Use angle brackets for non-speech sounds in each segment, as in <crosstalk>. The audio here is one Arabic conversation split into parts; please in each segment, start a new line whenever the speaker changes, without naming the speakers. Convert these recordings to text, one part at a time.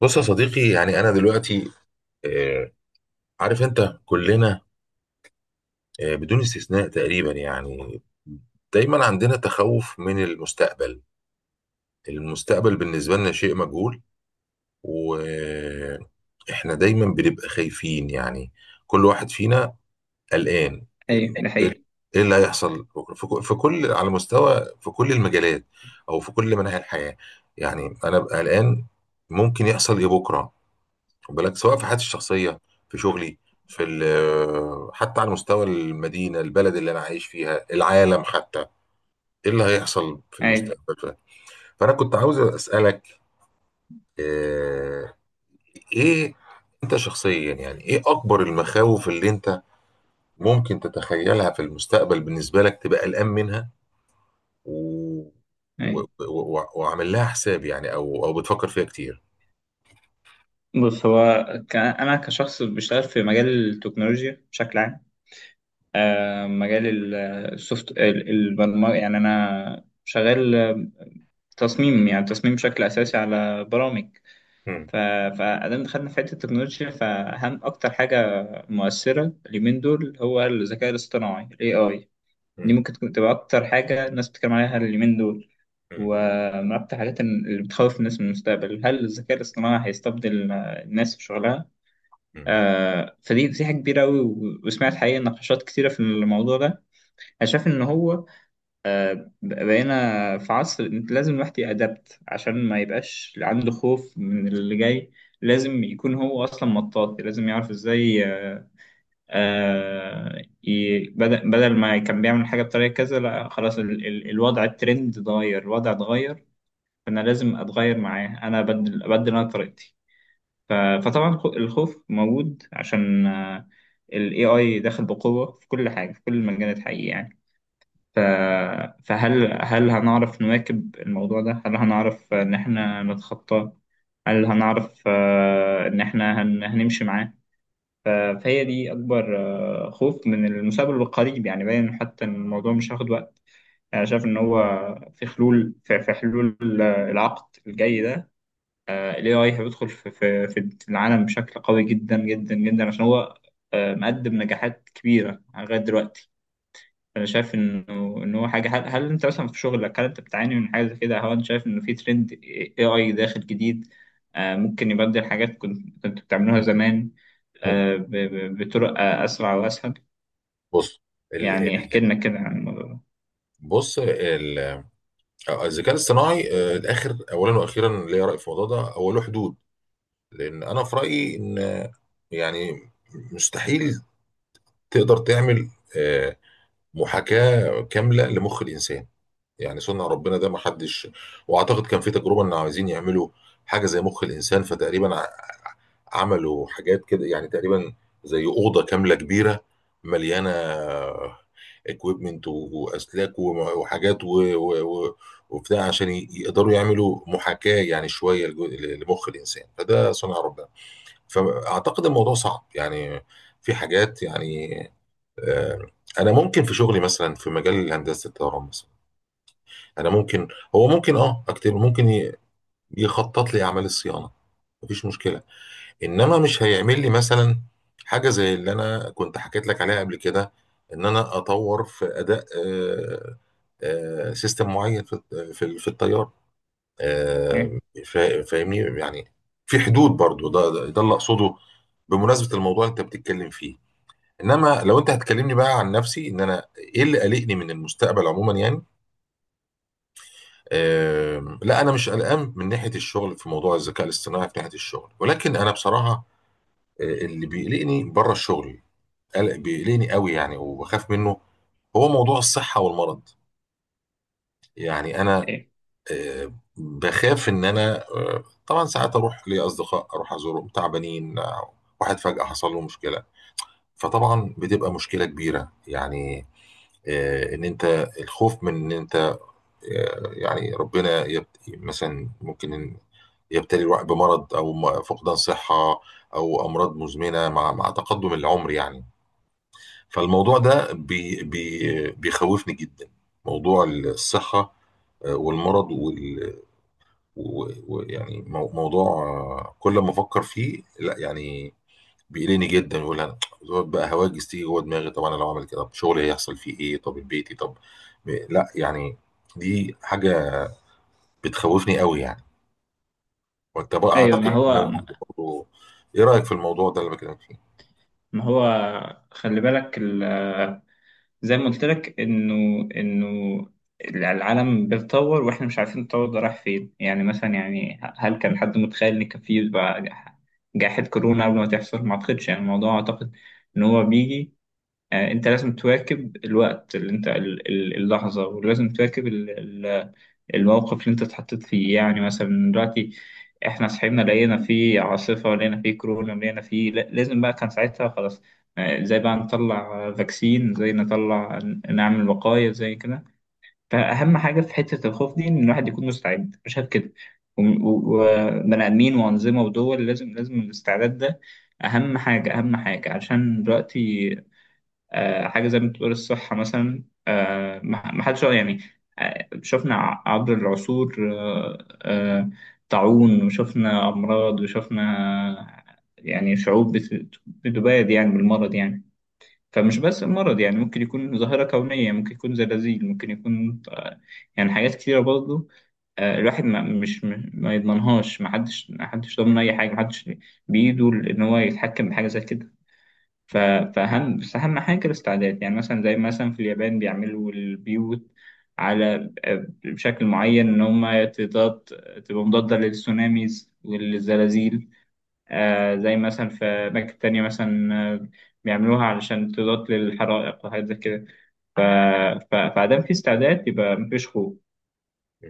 بص يا صديقي، يعني انا دلوقتي، آه، عارف انت كلنا، بدون استثناء تقريبا، يعني دايما عندنا تخوف من المستقبل. المستقبل بالنسبة لنا شيء مجهول، واحنا دايما بنبقى خايفين، يعني كل واحد فينا قلقان.
ايوه، ده حقيقي.
ايه اللي هيحصل في كل، على مستوى في كل المجالات، او في كل مناحي الحياة. يعني انا ببقى قلقان، ممكن يحصل ايه بكرة. خد بالك، سواء في حياتي الشخصيه، في شغلي، في ال- آه، حتى على مستوى المدينه، البلد اللي انا عايش فيها، العالم حتى. ايه اللي هيحصل في
ايوه.
المستقبل؟ ف- فانا كنت عاوز اسالك، آه، ايه انت شخصيا، يعني ايه اكبر المخاوف اللي انت ممكن تتخيلها في المستقبل، بالنسبه لك تبقى قلقان منها و... و...
ايوه.
و... و- وعامل لها حساب، يعني او بتفكر فيها كتير.
بص هو، انا كشخص بشتغل في مجال التكنولوجيا بشكل عام. مجال السوفت، البرمجه، يعني انا شغال، تصميم، يعني تصميم بشكل اساسي على برامج.
مم.
ف... فادام دخلنا في حته التكنولوجيا، فاهم اكتر حاجه مؤثره اليومين دول هو الذكاء الاصطناعي، الاي اي. دي
مم.
ممكن تكون تبقى أكتر حاجة الناس بتتكلم عليها اليومين دول.
مم.
ومن أكتر الحاجات اللي بتخوف الناس من المستقبل، هل الذكاء الاصطناعي هيستبدل الناس في شغلها؟
مم.
فدي حاجة كبيرة أوي، وسمعت حقيقة نقاشات كتيرة في الموضوع ده. أنا شايف إن هو بقينا في عصر أنت لازم الواحد يأدبت عشان ما يبقاش عنده خوف من اللي جاي. لازم يكون هو أصلا مطاطي، لازم يعرف إزاي، بدل ما كان بيعمل حاجة بطريقة كذا، لا خلاص ال الوضع، الترند اتغير، الوضع اتغير. فأنا لازم أتغير معاه، أنا أبدل أنا طريقتي. ف- فطبعا الخوف موجود، عشان ال AI داخل بقوة في كل حاجة في كل المجالات، حقيقي يعني. ف- فهل هنعرف نواكب الموضوع ده؟ هل هنعرف إن إحنا نتخطاه؟ هل هنعرف إن إحنا هنمشي معاه؟ ف- فهي دي أكبر خوف من المستقبل القريب، يعني باين حتى إن الموضوع مش هياخد وقت. أنا شايف إن هو في حلول، في حلول العقد الجاي ده. ال AI هيدخل في العالم بشكل قوي جدا جدا جدا، عشان هو مقدم نجاحات كبيرة لغاية دلوقتي. أنا شايف إن هو حاجة. هل أنت مثلا في شغلك، هل أنت بتعاني من حاجة زي كده؟ هل أنت شايف إنه في ترند AI داخل جديد ممكن يبدل حاجات كنت بتعملوها زمان، بطرق أسرع وأسهل.
بص ال...
يعني
ال...
احكي لنا كده عن الموضوع ده.
بص ال... آه، الذكاء الاصطناعي، الاخر، اولا واخيرا، ليا راي في الموضوع ده. هو له حدود، لان انا في رايي ان، يعني مستحيل تقدر تعمل آه، محاكاه كامله لمخ الانسان. يعني صنع ربنا، ده ما حدش. واعتقد كان في تجربه ان عايزين يعملوا حاجه زي مخ الانسان، فتقريبا عملوا حاجات كده يعني تقريبا. زي اوضه كامله كبيره، مليانه اكويبمنت واسلاك و- وحاجات و- و- و- وبتاع، عشان يقدروا يعملوا محاكاه، يعني شويه لمخ الانسان، فده صنع ربنا. فاعتقد الموضوع صعب، يعني في حاجات، يعني، آه، انا ممكن في شغلي مثلا، في مجال هندسه الطيران مثلا، انا ممكن هو ممكن، اكتب، ممكن يخطط لي اعمال الصيانه، مفيش مشكله. انما مش هيعمل لي مثلا حاجه زي اللي انا كنت حكيت لك عليها قبل كده، ان انا اطور في اداء، سيستم معين في التيار، آه،
إيه؟
فاهمني يعني. في حدود برضو، ده اللي اقصده بمناسبه الموضوع اللي انت بتتكلم فيه. انما لو انت هتكلمني بقى عن نفسي، ان انا ايه اللي قلقني من المستقبل عموما يعني، لا، انا مش قلقان من ناحيه الشغل في موضوع الذكاء الاصطناعي في ناحيه الشغل، ولكن انا بصراحه، اللي بيقلقني بره الشغل، قلق بيقلقني قوي يعني وبخاف منه، هو موضوع الصحة والمرض. يعني أنا،
إيه؟
بخاف إن أنا، طبعا ساعات أروح لأصدقاء، أروح أزورهم تعبانين، واحد فجأة حصل له مشكلة، فطبعا بتبقى مشكلة كبيرة يعني. إن أنت، الخوف من إن أنت، يعني ربنا مثلا ممكن إن يبتلي الواحد بمرض، أو فقدان صحة، أو أمراض مزمنة مع تقدم العمر يعني. فالموضوع ده بي بي بيخوفني جدا، موضوع الصحة، والمرض وال- و- ويعني موضوع، كل ما افكر فيه، لا يعني، بيقلقني جدا. يقول انا دول بقى هواجس تيجي جوه دماغي، طب انا لو عملت كده، طب شغلي هيحصل فيه ايه، طب بيتي، طب لا يعني، دي حاجة بتخوفني قوي يعني. وانت بقى
أيوه. ما
اعتقد
هو،
الموضوع ده برضه، ايه رأيك في الموضوع ده اللي بكلمك فيه؟
ما هو، خلي بالك زي ما قلت لك إنه العالم بيتطور، وإحنا مش عارفين التطور ده رايح فين. يعني مثلا، يعني هل كان حد متخيل إن كان في يبقى جائحة كورونا قبل ما تحصل؟ ما أعتقدش. يعني الموضوع أعتقد إن هو بيجي. أنت لازم تواكب الوقت اللي أنت اللحظة، ولازم تواكب الموقف اللي انت اتحطيت فيه. يعني مثلا دلوقتي احنا صحينا لقينا فيه عاصفة، لقينا فيه كورونا، لقينا فيه لازم بقى، كان ساعتها خلاص زي بقى نطلع فاكسين، زي نطلع نعمل وقاية زي كده. فأهم حاجة في حتة الخوف دي إن الواحد يكون مستعد، مش عارف كده، وبني آدمين وأنظمة ودول، لازم الاستعداد ده. أهم حاجة، أهم حاجة عشان دلوقتي حاجة زي ما بتقول الصحة مثلا، ما حدش يعني شفنا عبر العصور، طاعون، وشفنا أمراض، وشفنا يعني شعوب بتباد يعني بالمرض يعني. فمش بس المرض، يعني ممكن يكون ظاهرة كونية، ممكن يكون زلازل، ممكن يكون يعني حاجات كتيرة برضه. الواحد ما مش م- ما يضمنهاش، ما حدش ضامن أي حاجة، ما حدش بإيده إن هو يتحكم بحاجة زي كده. ف- فأهم أهم حاجة الاستعداد. يعني مثلا زي مثلا في اليابان بيعملوا البيوت على بشكل معين، إن هما تضاد، تبقى مضادة للسوناميز والزلازل. زي مثلا في أماكن تانية مثلا بيعملوها علشان تضاد للحرائق وحاجات زي كده. ف- فعدم في استعداد يبقى مفيش خوف.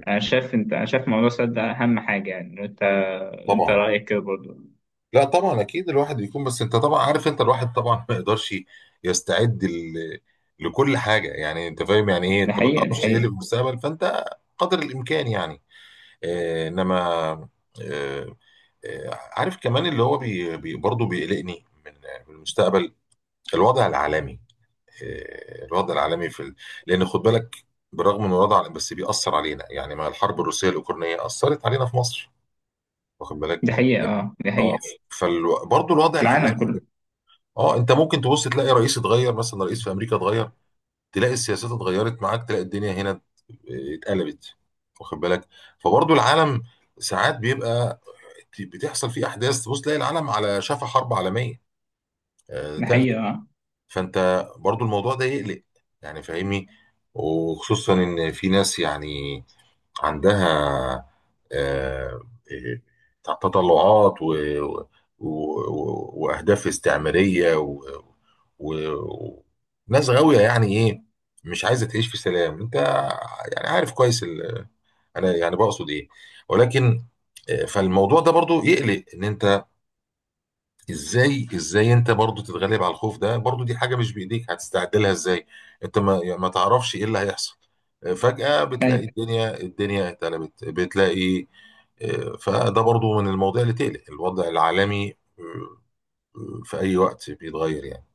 أنا شايف أنت، أنا شايف موضوع السد ده أهم حاجة يعني. أنت، أنت
طبعا.
رأيك كده برضه.
لا طبعا، اكيد الواحد يكون، بس انت طبعا عارف، انت الواحد طبعا ما يقدرش يستعد لكل حاجه يعني، انت فاهم يعني ايه.
دي
انت ما
حقيقة. دي
تعرفش ايه اللي
حقيقة.
في المستقبل، فانت قدر الامكان يعني. انما، آه عارف كمان اللي هو، بي بي برضه بيقلقني من المستقبل، الوضع العالمي. الوضع العالمي لان خد بالك، برغم ان بس بيأثر علينا يعني، ما الحرب الروسيه الاوكرانيه اثرت علينا في مصر، واخد بالك.
دي حقيقة أه. دي
اه
حقيقة.
فبرضه الوضع
في
العالمي.
العالم كله.
اه انت ممكن تبص، تلاقي رئيس اتغير، مثلا رئيس في امريكا اتغير، تلاقي السياسات اتغيرت معاك، تلاقي الدنيا هنا اتقلبت، واخد بالك. فبرضو العالم ساعات بيبقى، بتحصل فيه احداث، تبص تلاقي العالم على شفا حرب عالميه،
دي
تالتة.
حقيقة أه.
فانت برضو الموضوع ده يقلق، يعني فاهمني. وخصوصا ان في ناس يعني عندها، آه، آه، تطلعات و و- و- واهداف استعماريه و... ناس غاويه، يعني ايه، مش عايزه تعيش في سلام، انت يعني عارف كويس انا يعني بقصد ايه. ولكن، فالموضوع ده برضو يقلق، ان انت ازاي انت برضو تتغلب على الخوف ده، برضو دي حاجة مش بايديك، هتستعد لها ازاي؟ انت ما يعني ما تعرفش ايه اللي هيحصل. فجأة بتلاقي
أيوة.
الدنيا اتقلبت، بتلاقي، فده برضو من المواضيع اللي تقلق، الوضع العالمي في اي وقت بيتغير يعني.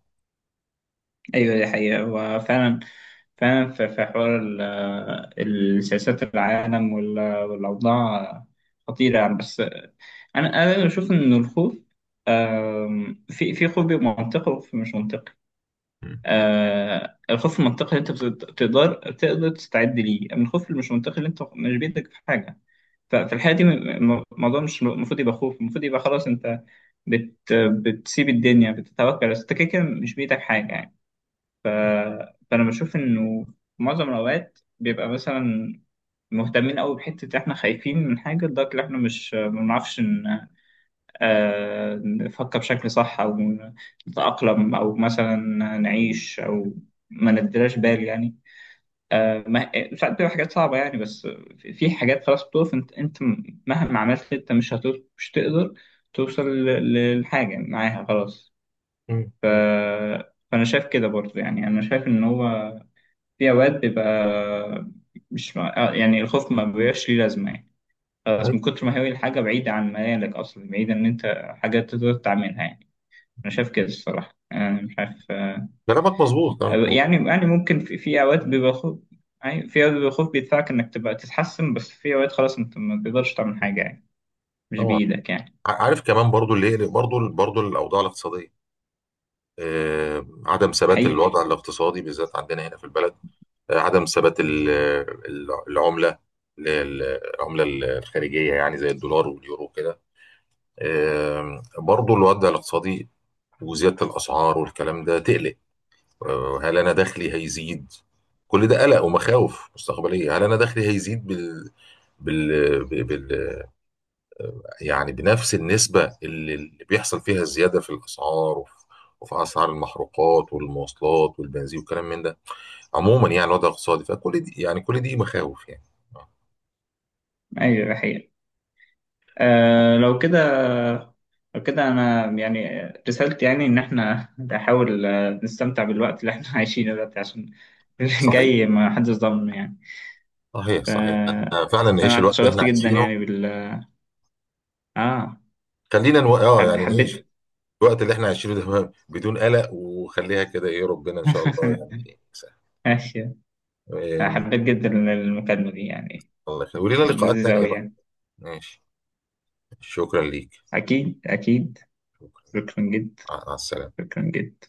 ايوه دي حقيقة. هو فعلا فعلا في حوار السياسات، العالم والأوضاع خطيرة يعني. بس أنا، أنا بشوف إن الخوف، في خوف بيبقى منطقي، وخوف مش منطقي.
مم.
الخوف المنطقي اللي أنت تقدر، تقدر تستعد ليه. أما الخوف اللي مش منطقي، اللي أنت مش بيدك في حاجة، ففي الحقيقة دي الموضوع مش المفروض يبقى خوف، المفروض يبقى خلاص أنت بتسيب الدنيا، بتتوكل، بس أنت كده كده مش بإيدك حاجة يعني. ف... فأنا بشوف إنه في معظم الأوقات بيبقى مثلا مهتمين أوي بحتة، إحنا خايفين من حاجة لدرجة إن إحنا مش، ما بنعرفش إن نفكر بشكل صح، أو نتأقلم، أو مثلا نعيش، أو ما نديلاش بال يعني. ما ساعات بتبقى حاجات صعبة يعني، بس في حاجات خلاص بتقف، أنت، أنت مهما عملت أنت مش هتقدر، مش تقدر توصل للحاجة معاها خلاص.
مم.
ف...
مم.
فأنا شايف كده برضه. يعني أنا شايف إن هو في أوقات بيبقى مش مع... يعني الخوف ما بيبقاش ليه لازمة يعني.
أيوة.
خلاص من كتر ما هي الحاجة بعيدة عن مجالك أصلا، بعيدة إن أنت حاجة تقدر تعملها يعني. أنا شايف كده الصراحة، أنا مش عارف
كلامك مظبوط، كلامك مظبوط.
يعني، يعني ممكن في، أوقات بيبقى خوف، يعني في أوقات بيبقى خوف بيدفعك إنك تبقى تتحسن، بس في أوقات خلاص أنت ما تقدرش تعمل حاجة يعني، مش
طبعا.
بإيدك يعني.
عارف كمان برضو اللي يقلق برضو، الاوضاع الاقتصادية، عدم ثبات
حقيقة.
الوضع الاقتصادي بالذات عندنا هنا في البلد، عدم ثبات العملة لل- العملة الخارجية، يعني زي الدولار واليورو كده. برضو الوضع الاقتصادي، وزيادة الأسعار والكلام ده تقلق. هل أنا دخلي هيزيد؟ كل ده قلق ومخاوف مستقبلية. هل أنا دخلي هيزيد بال... بال... يعني بنفس النسبة اللي بيحصل فيها الزيادة في الأسعار وفي أسعار المحروقات والمواصلات والبنزين والكلام من ده، عموما يعني الوضع الاقتصادي، فكل دي يعني، كل دي مخاوف يعني.
أيوة حقيقة. لو كده، لو كده، أنا يعني رسالتي، يعني إن إحنا نحاول نستمتع بالوقت اللي إحنا <laughs> عايشينه دلوقتي عشان <laughs> اللي
صحيح.
جاي ما حدش ضامن يعني.
صحيح
ف...
صحيح، احنا فعلا نعيش
فأنا
الوقت اللي احنا
اتشرفت جدا
عايشينه.
يعني بال آه
خلينا نو... اه يعني نعيش
حبيت.
الوقت اللي احنا عايشينه ده <laughs> بدون قلق، وخليها كده، ايه ربنا ان شاء الله
<laughs>
يعني يسهل.
ماشي.
إيه،
حبيت جدا المكالمة دي يعني،
الله يخليك، ولينا لقاءات
لذيذة
تانية
أوي
بقى.
يعني.
ماشي، شكرا ليك،
أكيد أكيد.
شكرا.
شكرا جدا.
مع السلامة.
شكرا جدا.